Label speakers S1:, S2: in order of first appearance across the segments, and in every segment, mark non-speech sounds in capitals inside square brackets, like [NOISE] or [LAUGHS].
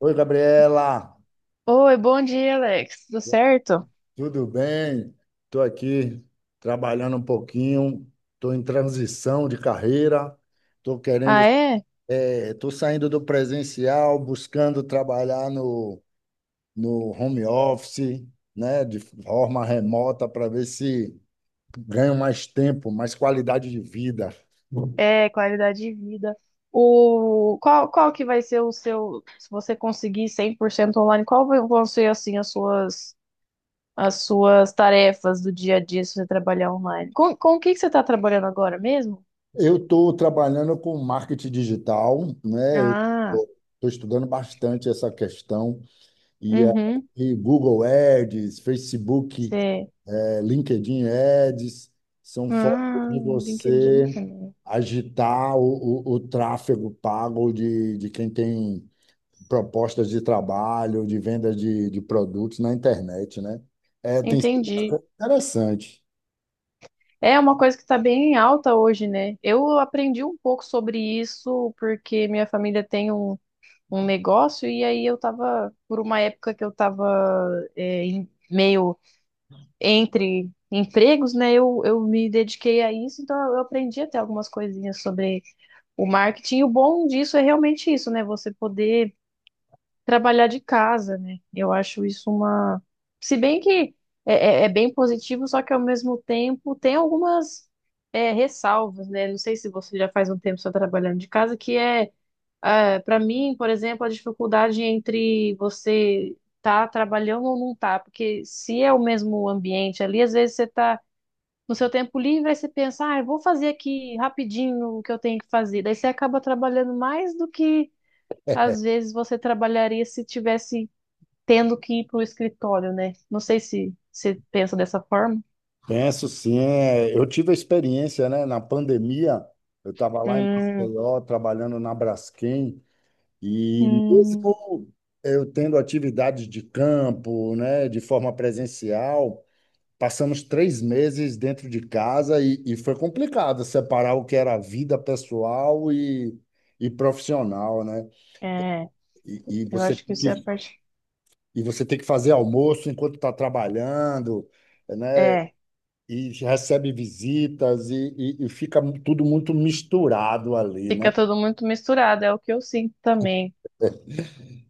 S1: Oi, Gabriela,
S2: Oi, bom dia, Alex. Tudo certo?
S1: tudo bem? Estou aqui trabalhando um pouquinho, estou em transição de carreira, estou querendo,
S2: Ah, é?
S1: estou saindo do presencial, buscando trabalhar no home office, né, de forma remota, para ver se ganho mais tempo, mais qualidade de vida.
S2: É, qualidade de vida. Qual que vai ser o seu, se você conseguir 100% online, vão ser assim as suas tarefas do dia a dia se você trabalhar online? Com o que que você está trabalhando agora mesmo?
S1: Eu estou trabalhando com marketing digital, né? Eu
S2: Ah,
S1: estou estudando bastante essa questão. E
S2: uhum.
S1: aí, Google Ads, Facebook,
S2: Você.
S1: LinkedIn Ads, são formas
S2: Ah,
S1: de
S2: LinkedIn
S1: você
S2: também.
S1: agitar o tráfego pago de quem tem propostas de trabalho, de venda de produtos na internet, né? É, tem sido
S2: Entendi.
S1: interessante.
S2: É uma coisa que está bem em alta hoje, né? Eu aprendi um pouco sobre isso porque minha família tem um um negócio, e aí eu tava, por uma época que eu tava meio entre empregos, né? Eu me dediquei a isso, então eu aprendi até algumas coisinhas sobre o marketing. E o bom disso é realmente isso, né? Você poder trabalhar de casa, né? Eu acho isso uma. Se bem que é bem positivo, só que ao mesmo tempo tem algumas. Ressalvas, né? Não sei se você já faz um tempo só trabalhando de casa, que para mim, por exemplo, a dificuldade entre você tá trabalhando ou não tá, porque se é o mesmo ambiente ali, às vezes você tá no seu tempo livre, aí você pensa, ah, eu vou fazer aqui rapidinho o que eu tenho que fazer. Daí você acaba trabalhando mais do que às vezes você trabalharia se tivesse tendo que ir para o escritório, né? Não sei se você pensa dessa forma.
S1: Penso sim, é, eu tive a experiência, né? Na pandemia, eu estava lá em
S2: Hum,
S1: Maceió, trabalhando na Braskem. E
S2: hum,
S1: mesmo eu tendo atividades de campo, né, de forma presencial, passamos 3 meses dentro de casa e foi complicado separar o que era a vida pessoal e profissional, né?
S2: é,
S1: E, e
S2: eu
S1: você
S2: acho que
S1: tem
S2: isso é a
S1: que,
S2: parte.
S1: e você tem que fazer almoço enquanto está trabalhando, né?
S2: É,
S1: E recebe visitas e fica tudo muito misturado ali, né?
S2: fica tudo muito misturado, é o que eu sinto também.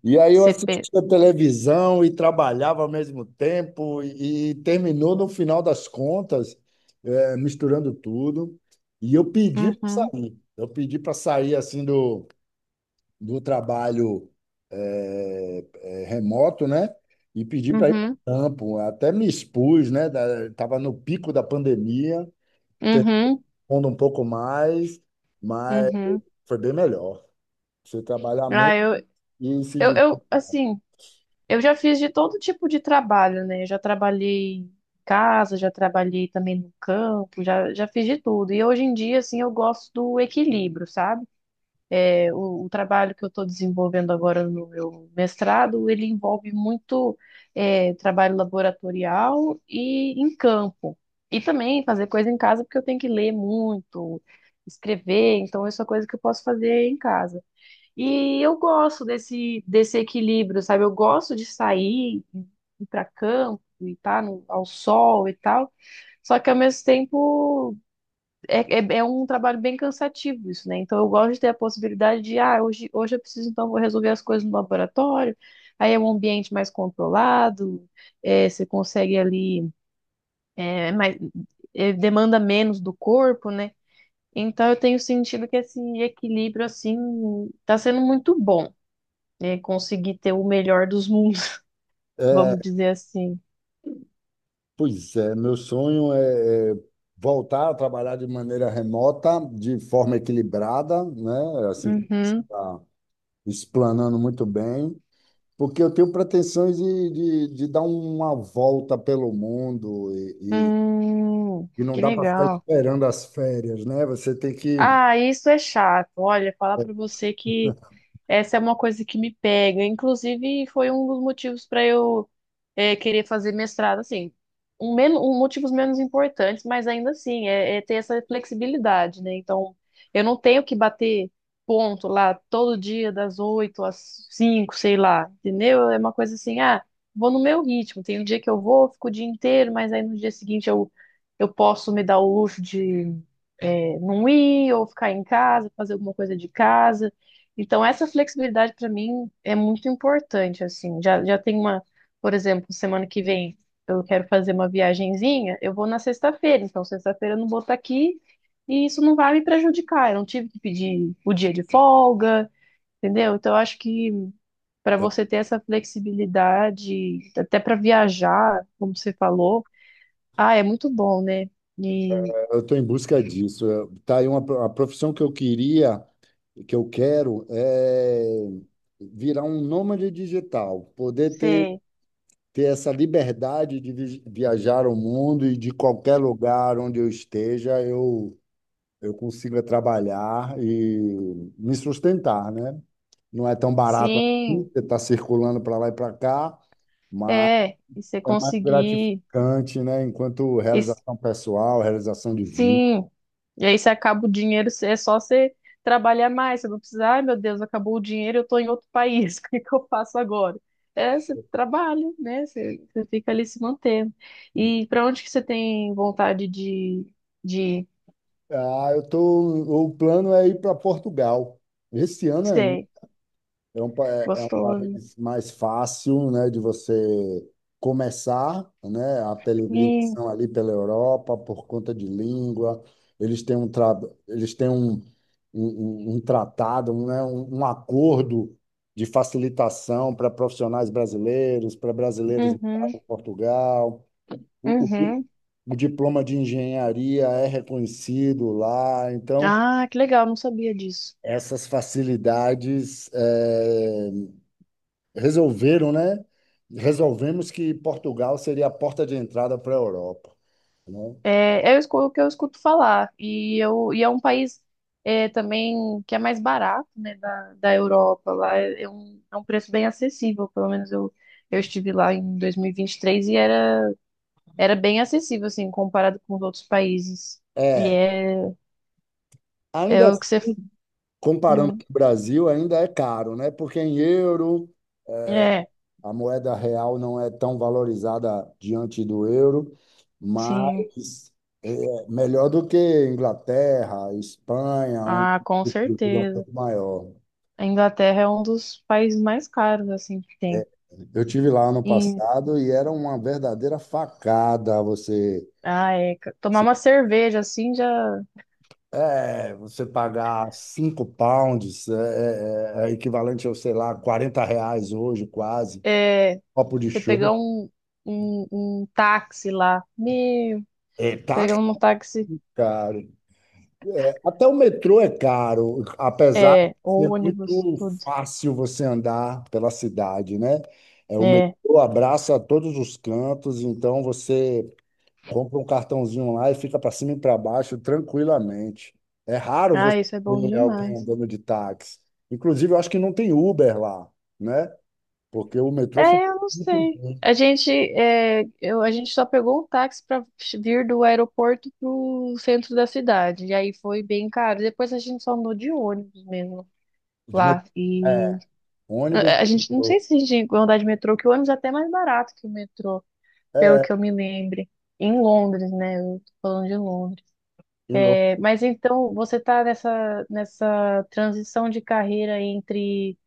S1: E aí eu assistia televisão e trabalhava ao mesmo tempo e terminou no final das contas, misturando tudo. E eu pedi para
S2: Uhum,
S1: sair. Eu pedi para sair assim do trabalho remoto, né? E pedi para ir para o
S2: uhum,
S1: campo. Até me expus, né? Estava no pico da pandemia,
S2: uhum,
S1: terminando um pouco mais, mas
S2: uhum.
S1: foi bem melhor. Você trabalhar
S2: Ah,
S1: menos
S2: eu,
S1: e se
S2: eu,
S1: divertir.
S2: eu, assim, eu já fiz de todo tipo de trabalho, né? Eu já trabalhei em casa, já trabalhei também no campo, já fiz de tudo. E hoje em dia, assim, eu gosto do equilíbrio, sabe? O trabalho que eu estou desenvolvendo agora no meu mestrado, ele envolve muito trabalho laboratorial e em campo. E também fazer coisa em casa, porque eu tenho que ler muito, escrever, então isso é coisa que eu posso fazer em casa. E eu gosto desse equilíbrio, sabe? Eu gosto de sair, ir para campo e estar ao sol e tal. Só que ao mesmo tempo é um trabalho bem cansativo isso, né? Então eu gosto de ter a possibilidade de, ah, hoje eu preciso, então vou resolver as coisas no laboratório, aí é um ambiente mais controlado, você consegue ali, mais, demanda menos do corpo, né? Então eu tenho sentido que esse equilíbrio, assim, tá sendo muito bom, né? Conseguir ter o melhor dos mundos, [LAUGHS] vamos dizer assim.
S1: Pois é, meu sonho é voltar a trabalhar de maneira remota, de forma equilibrada, né? Assim como você
S2: Uhum.
S1: está explanando muito bem, porque eu tenho pretensões de dar uma volta pelo mundo e, e,
S2: Hum,
S1: e não
S2: que
S1: dá para ficar
S2: legal.
S1: esperando as férias, né? Você tem que.
S2: Ah, isso é chato. Olha, falar pra você que essa é uma coisa que me pega. Inclusive, foi um dos motivos para eu querer fazer mestrado, assim. Um, men um motivos menos importantes, mas ainda assim, é ter essa flexibilidade, né? Então, eu não tenho que bater ponto lá todo dia, das oito às cinco, sei lá, entendeu? É uma coisa assim, ah, vou no meu ritmo. Tem um dia que eu vou, fico o dia inteiro, mas aí no dia seguinte eu posso me dar o luxo de não ir ou ficar em casa, fazer alguma coisa de casa. Então, essa flexibilidade para mim é muito importante, assim. Já tem uma, por exemplo, semana que vem eu quero fazer uma viagenzinha, eu vou na sexta-feira, então sexta-feira eu não vou estar aqui e isso não vai me prejudicar. Eu não tive que pedir o dia de folga, entendeu? Então, eu acho que para
S1: é,
S2: você ter essa flexibilidade, até para viajar, como você falou, ah, é muito bom, né? E
S1: Eu estou em busca disso. Tá aí a profissão que eu queria, que eu quero, é virar um nômade digital, poder ter
S2: você
S1: essa liberdade de viajar o mundo e de qualquer lugar onde eu esteja, eu consiga trabalhar e me sustentar, né? Não é tão barato assim,
S2: sim,
S1: você está circulando para lá e para cá, mas
S2: é, e você
S1: é mais
S2: conseguir.
S1: gratificante, né? Enquanto
S2: E
S1: realização pessoal, realização de vida.
S2: sim. E aí você acaba o dinheiro, é só você trabalhar mais. Você não precisa, ai meu Deus, acabou o dinheiro, eu tô em outro país, [LAUGHS] o que que eu faço agora? É, você trabalha, né? Você fica ali se mantendo. E para onde que você tem vontade de
S1: Ah, o plano é ir para Portugal, esse ano ainda.
S2: ser
S1: É um
S2: gostoso?
S1: país mais fácil, né, de você começar, né, a
S2: Hum,
S1: peregrinação ali pela Europa por conta de língua. Eles têm um, tra... eles têm um tratado, né, um acordo de facilitação para profissionais brasileiros, para brasileiros
S2: uhum,
S1: morarem em Portugal. O, o, que-
S2: uhum.
S1: o diploma de engenharia é reconhecido lá, então
S2: Ah, que legal, não sabia disso.
S1: essas facilidades resolveram, né? Resolvemos que Portugal seria a porta de entrada para a Europa, né?
S2: É, o que eu escuto falar. E é um país também que é mais barato, né, da Europa. Lá é um preço bem acessível. Pelo menos eu estive lá em 2023 e vinte e três e era bem acessível, assim, comparado com os outros países. E
S1: É,
S2: é, é
S1: ainda
S2: o que você.
S1: assim, comparando com
S2: Hum,
S1: o Brasil, ainda é caro, né? Porque em euro,
S2: é,
S1: a moeda real não é tão valorizada diante do euro,
S2: sim.
S1: mas é melhor do que Inglaterra, Espanha, onde
S2: Ah, com
S1: o custo é um
S2: certeza.
S1: pouco maior.
S2: A Inglaterra é um dos países mais caros, assim, que tem.
S1: Eu tive lá ano
S2: E,
S1: passado e era uma verdadeira facada você.
S2: ah, é. Tomar uma cerveja, assim, já.
S1: É, você pagar 5 pounds é equivalente a, sei lá, 40 reais hoje, quase,
S2: é,
S1: copo de
S2: Você pegar
S1: show.
S2: um táxi lá. Meu,
S1: É, tá
S2: pegando um táxi.
S1: caro. Até o metrô é caro, apesar
S2: É,
S1: de ser
S2: ônibus,
S1: muito
S2: tudo.
S1: fácil você andar pela cidade, né? É, o
S2: É.
S1: metrô abraça todos os cantos, então você compra um cartãozinho lá e fica para cima e para baixo tranquilamente. É raro
S2: Ah,
S1: você
S2: isso é bom
S1: ver alguém
S2: demais.
S1: andando de táxi. Inclusive, eu acho que não tem Uber lá, né? Porque o metrô funciona
S2: É, eu não
S1: muito
S2: sei.
S1: bem.
S2: A gente só pegou um táxi para vir do aeroporto pro centro da cidade. E aí foi bem caro. Depois a gente só andou de ônibus mesmo
S1: De met-
S2: lá. E
S1: É, ônibus
S2: a
S1: e
S2: gente, não sei
S1: metrô.
S2: se a gente ia andar de metrô, que o ônibus é até mais barato que o metrô, pelo que
S1: É,
S2: eu me lembre. Em Londres, né? Eu tô falando de Londres.
S1: e lo-
S2: É, mas então você está nessa transição de carreira entre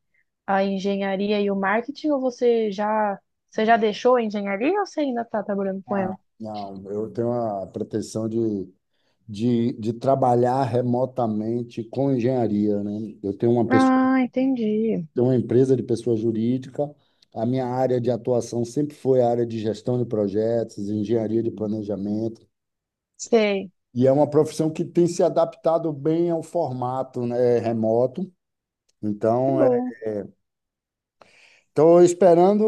S2: a engenharia e o marketing, ou você já deixou a engenharia ou você ainda está trabalhando com
S1: ah,
S2: ela?
S1: não, eu tenho a pretensão de trabalhar remotamente com engenharia, né? Eu tenho uma pessoa,
S2: Ah, entendi.
S1: tenho uma empresa de pessoa jurídica. A minha área de atuação sempre foi a área de gestão de projetos, engenharia de planejamento.
S2: Sei.
S1: E é uma profissão que tem se adaptado bem ao formato, né, remoto.
S2: Que
S1: Então,
S2: bom.
S1: estou esperando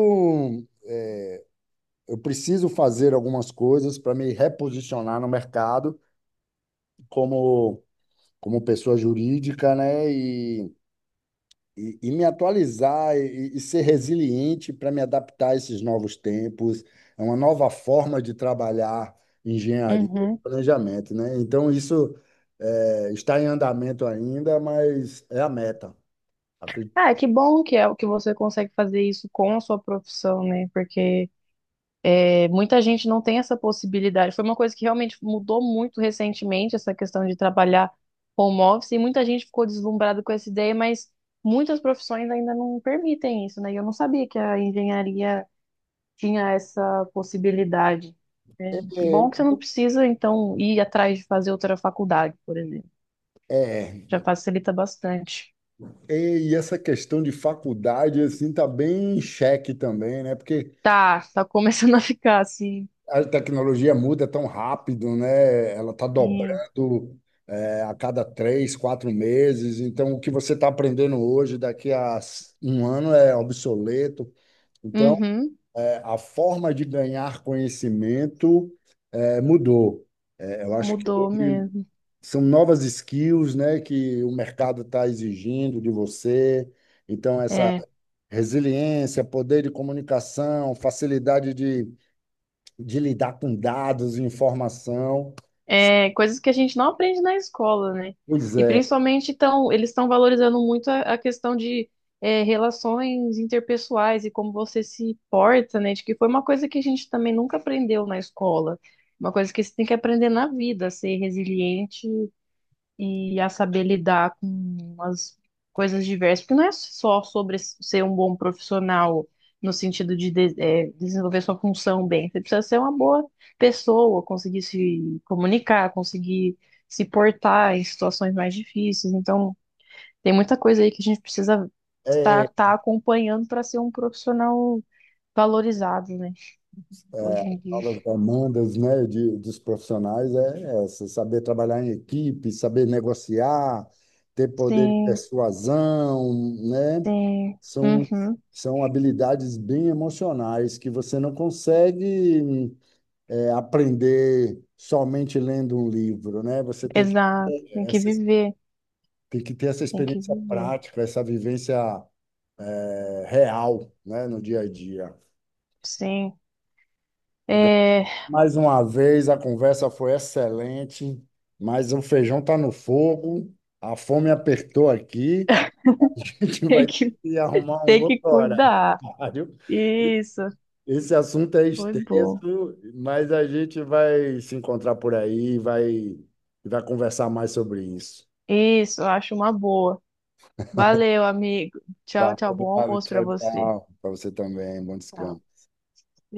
S1: um eu preciso fazer algumas coisas para me reposicionar no mercado como, como pessoa jurídica, né? E me atualizar e ser resiliente para me adaptar a esses novos tempos. É uma nova forma de trabalhar engenharia e
S2: Uhum.
S1: planejamento, né? Então, isso está em andamento ainda, mas é a meta. Acredito.
S2: Ah, que bom que é o que você consegue fazer isso com a sua profissão, né? Porque é, muita gente não tem essa possibilidade. Foi uma coisa que realmente mudou muito recentemente, essa questão de trabalhar home office, e muita gente ficou deslumbrada com essa ideia, mas muitas profissões ainda não permitem isso, né? E eu não sabia que a engenharia tinha essa possibilidade. É
S1: É,
S2: bom que você não precisa, então, ir atrás de fazer outra faculdade, por exemplo.
S1: é,
S2: Já facilita bastante.
S1: e essa questão de faculdade assim tá bem em xeque também, né? Porque
S2: Tá, tá começando a ficar assim.
S1: a tecnologia muda tão rápido, né? Ela está
S2: Sim.
S1: dobrando, a cada 3, 4 meses. Então, o que você está aprendendo hoje, daqui a um ano, é obsoleto. Então,
S2: Uhum,
S1: a forma de ganhar conhecimento mudou. É, eu acho que
S2: mudou
S1: hoje
S2: mesmo.
S1: são novas skills, né, que o mercado está exigindo de você. Então, essa
S2: É.
S1: resiliência, poder de comunicação, facilidade de lidar com dados e informação.
S2: Coisas que a gente não aprende na escola, né?
S1: Pois
S2: E
S1: é,
S2: principalmente então, eles estão valorizando muito a questão de relações interpessoais e como você se porta, né? De que foi uma coisa que a gente também nunca aprendeu na escola, uma coisa que você tem que aprender na vida, ser resiliente e a saber lidar com as coisas diversas, porque não é só sobre ser um bom profissional no sentido de desenvolver sua função bem, você precisa ser uma boa pessoa, conseguir se comunicar, conseguir se portar em situações mais difíceis. Então, tem muita coisa aí que a gente precisa estar
S1: é
S2: tá acompanhando para ser um profissional valorizado, né? Hoje em dia.
S1: uma das demandas, né, dos profissionais é essa, saber trabalhar em equipe, saber negociar, ter poder de
S2: Sim,
S1: persuasão, né?
S2: sim.
S1: São,
S2: Uhum,
S1: são habilidades bem emocionais que você não consegue aprender somente lendo um livro, né? Você tem que,
S2: exato. Tem que
S1: essa,
S2: viver,
S1: tem que ter essa
S2: tem que
S1: experiência
S2: viver.
S1: prática, essa vivência real, né, no dia a dia.
S2: Sim. É, [LAUGHS]
S1: Mais uma vez, a conversa foi excelente, mas o feijão está no fogo, a fome apertou aqui, [LAUGHS] a gente
S2: tem
S1: vai
S2: que,
S1: ter que arrumar um
S2: tem
S1: outro
S2: que cuidar.
S1: horário.
S2: Isso,
S1: Esse assunto é
S2: foi bom.
S1: extenso, mas a gente vai se encontrar por aí, vai conversar mais sobre isso.
S2: Isso, eu acho uma boa. Valeu, amigo. Tchau, tchau.
S1: Valeu,
S2: Bom
S1: Gabi,
S2: almoço pra
S1: tchau,
S2: você.
S1: tchau. Para você também, bom descanso.
S2: Tchau.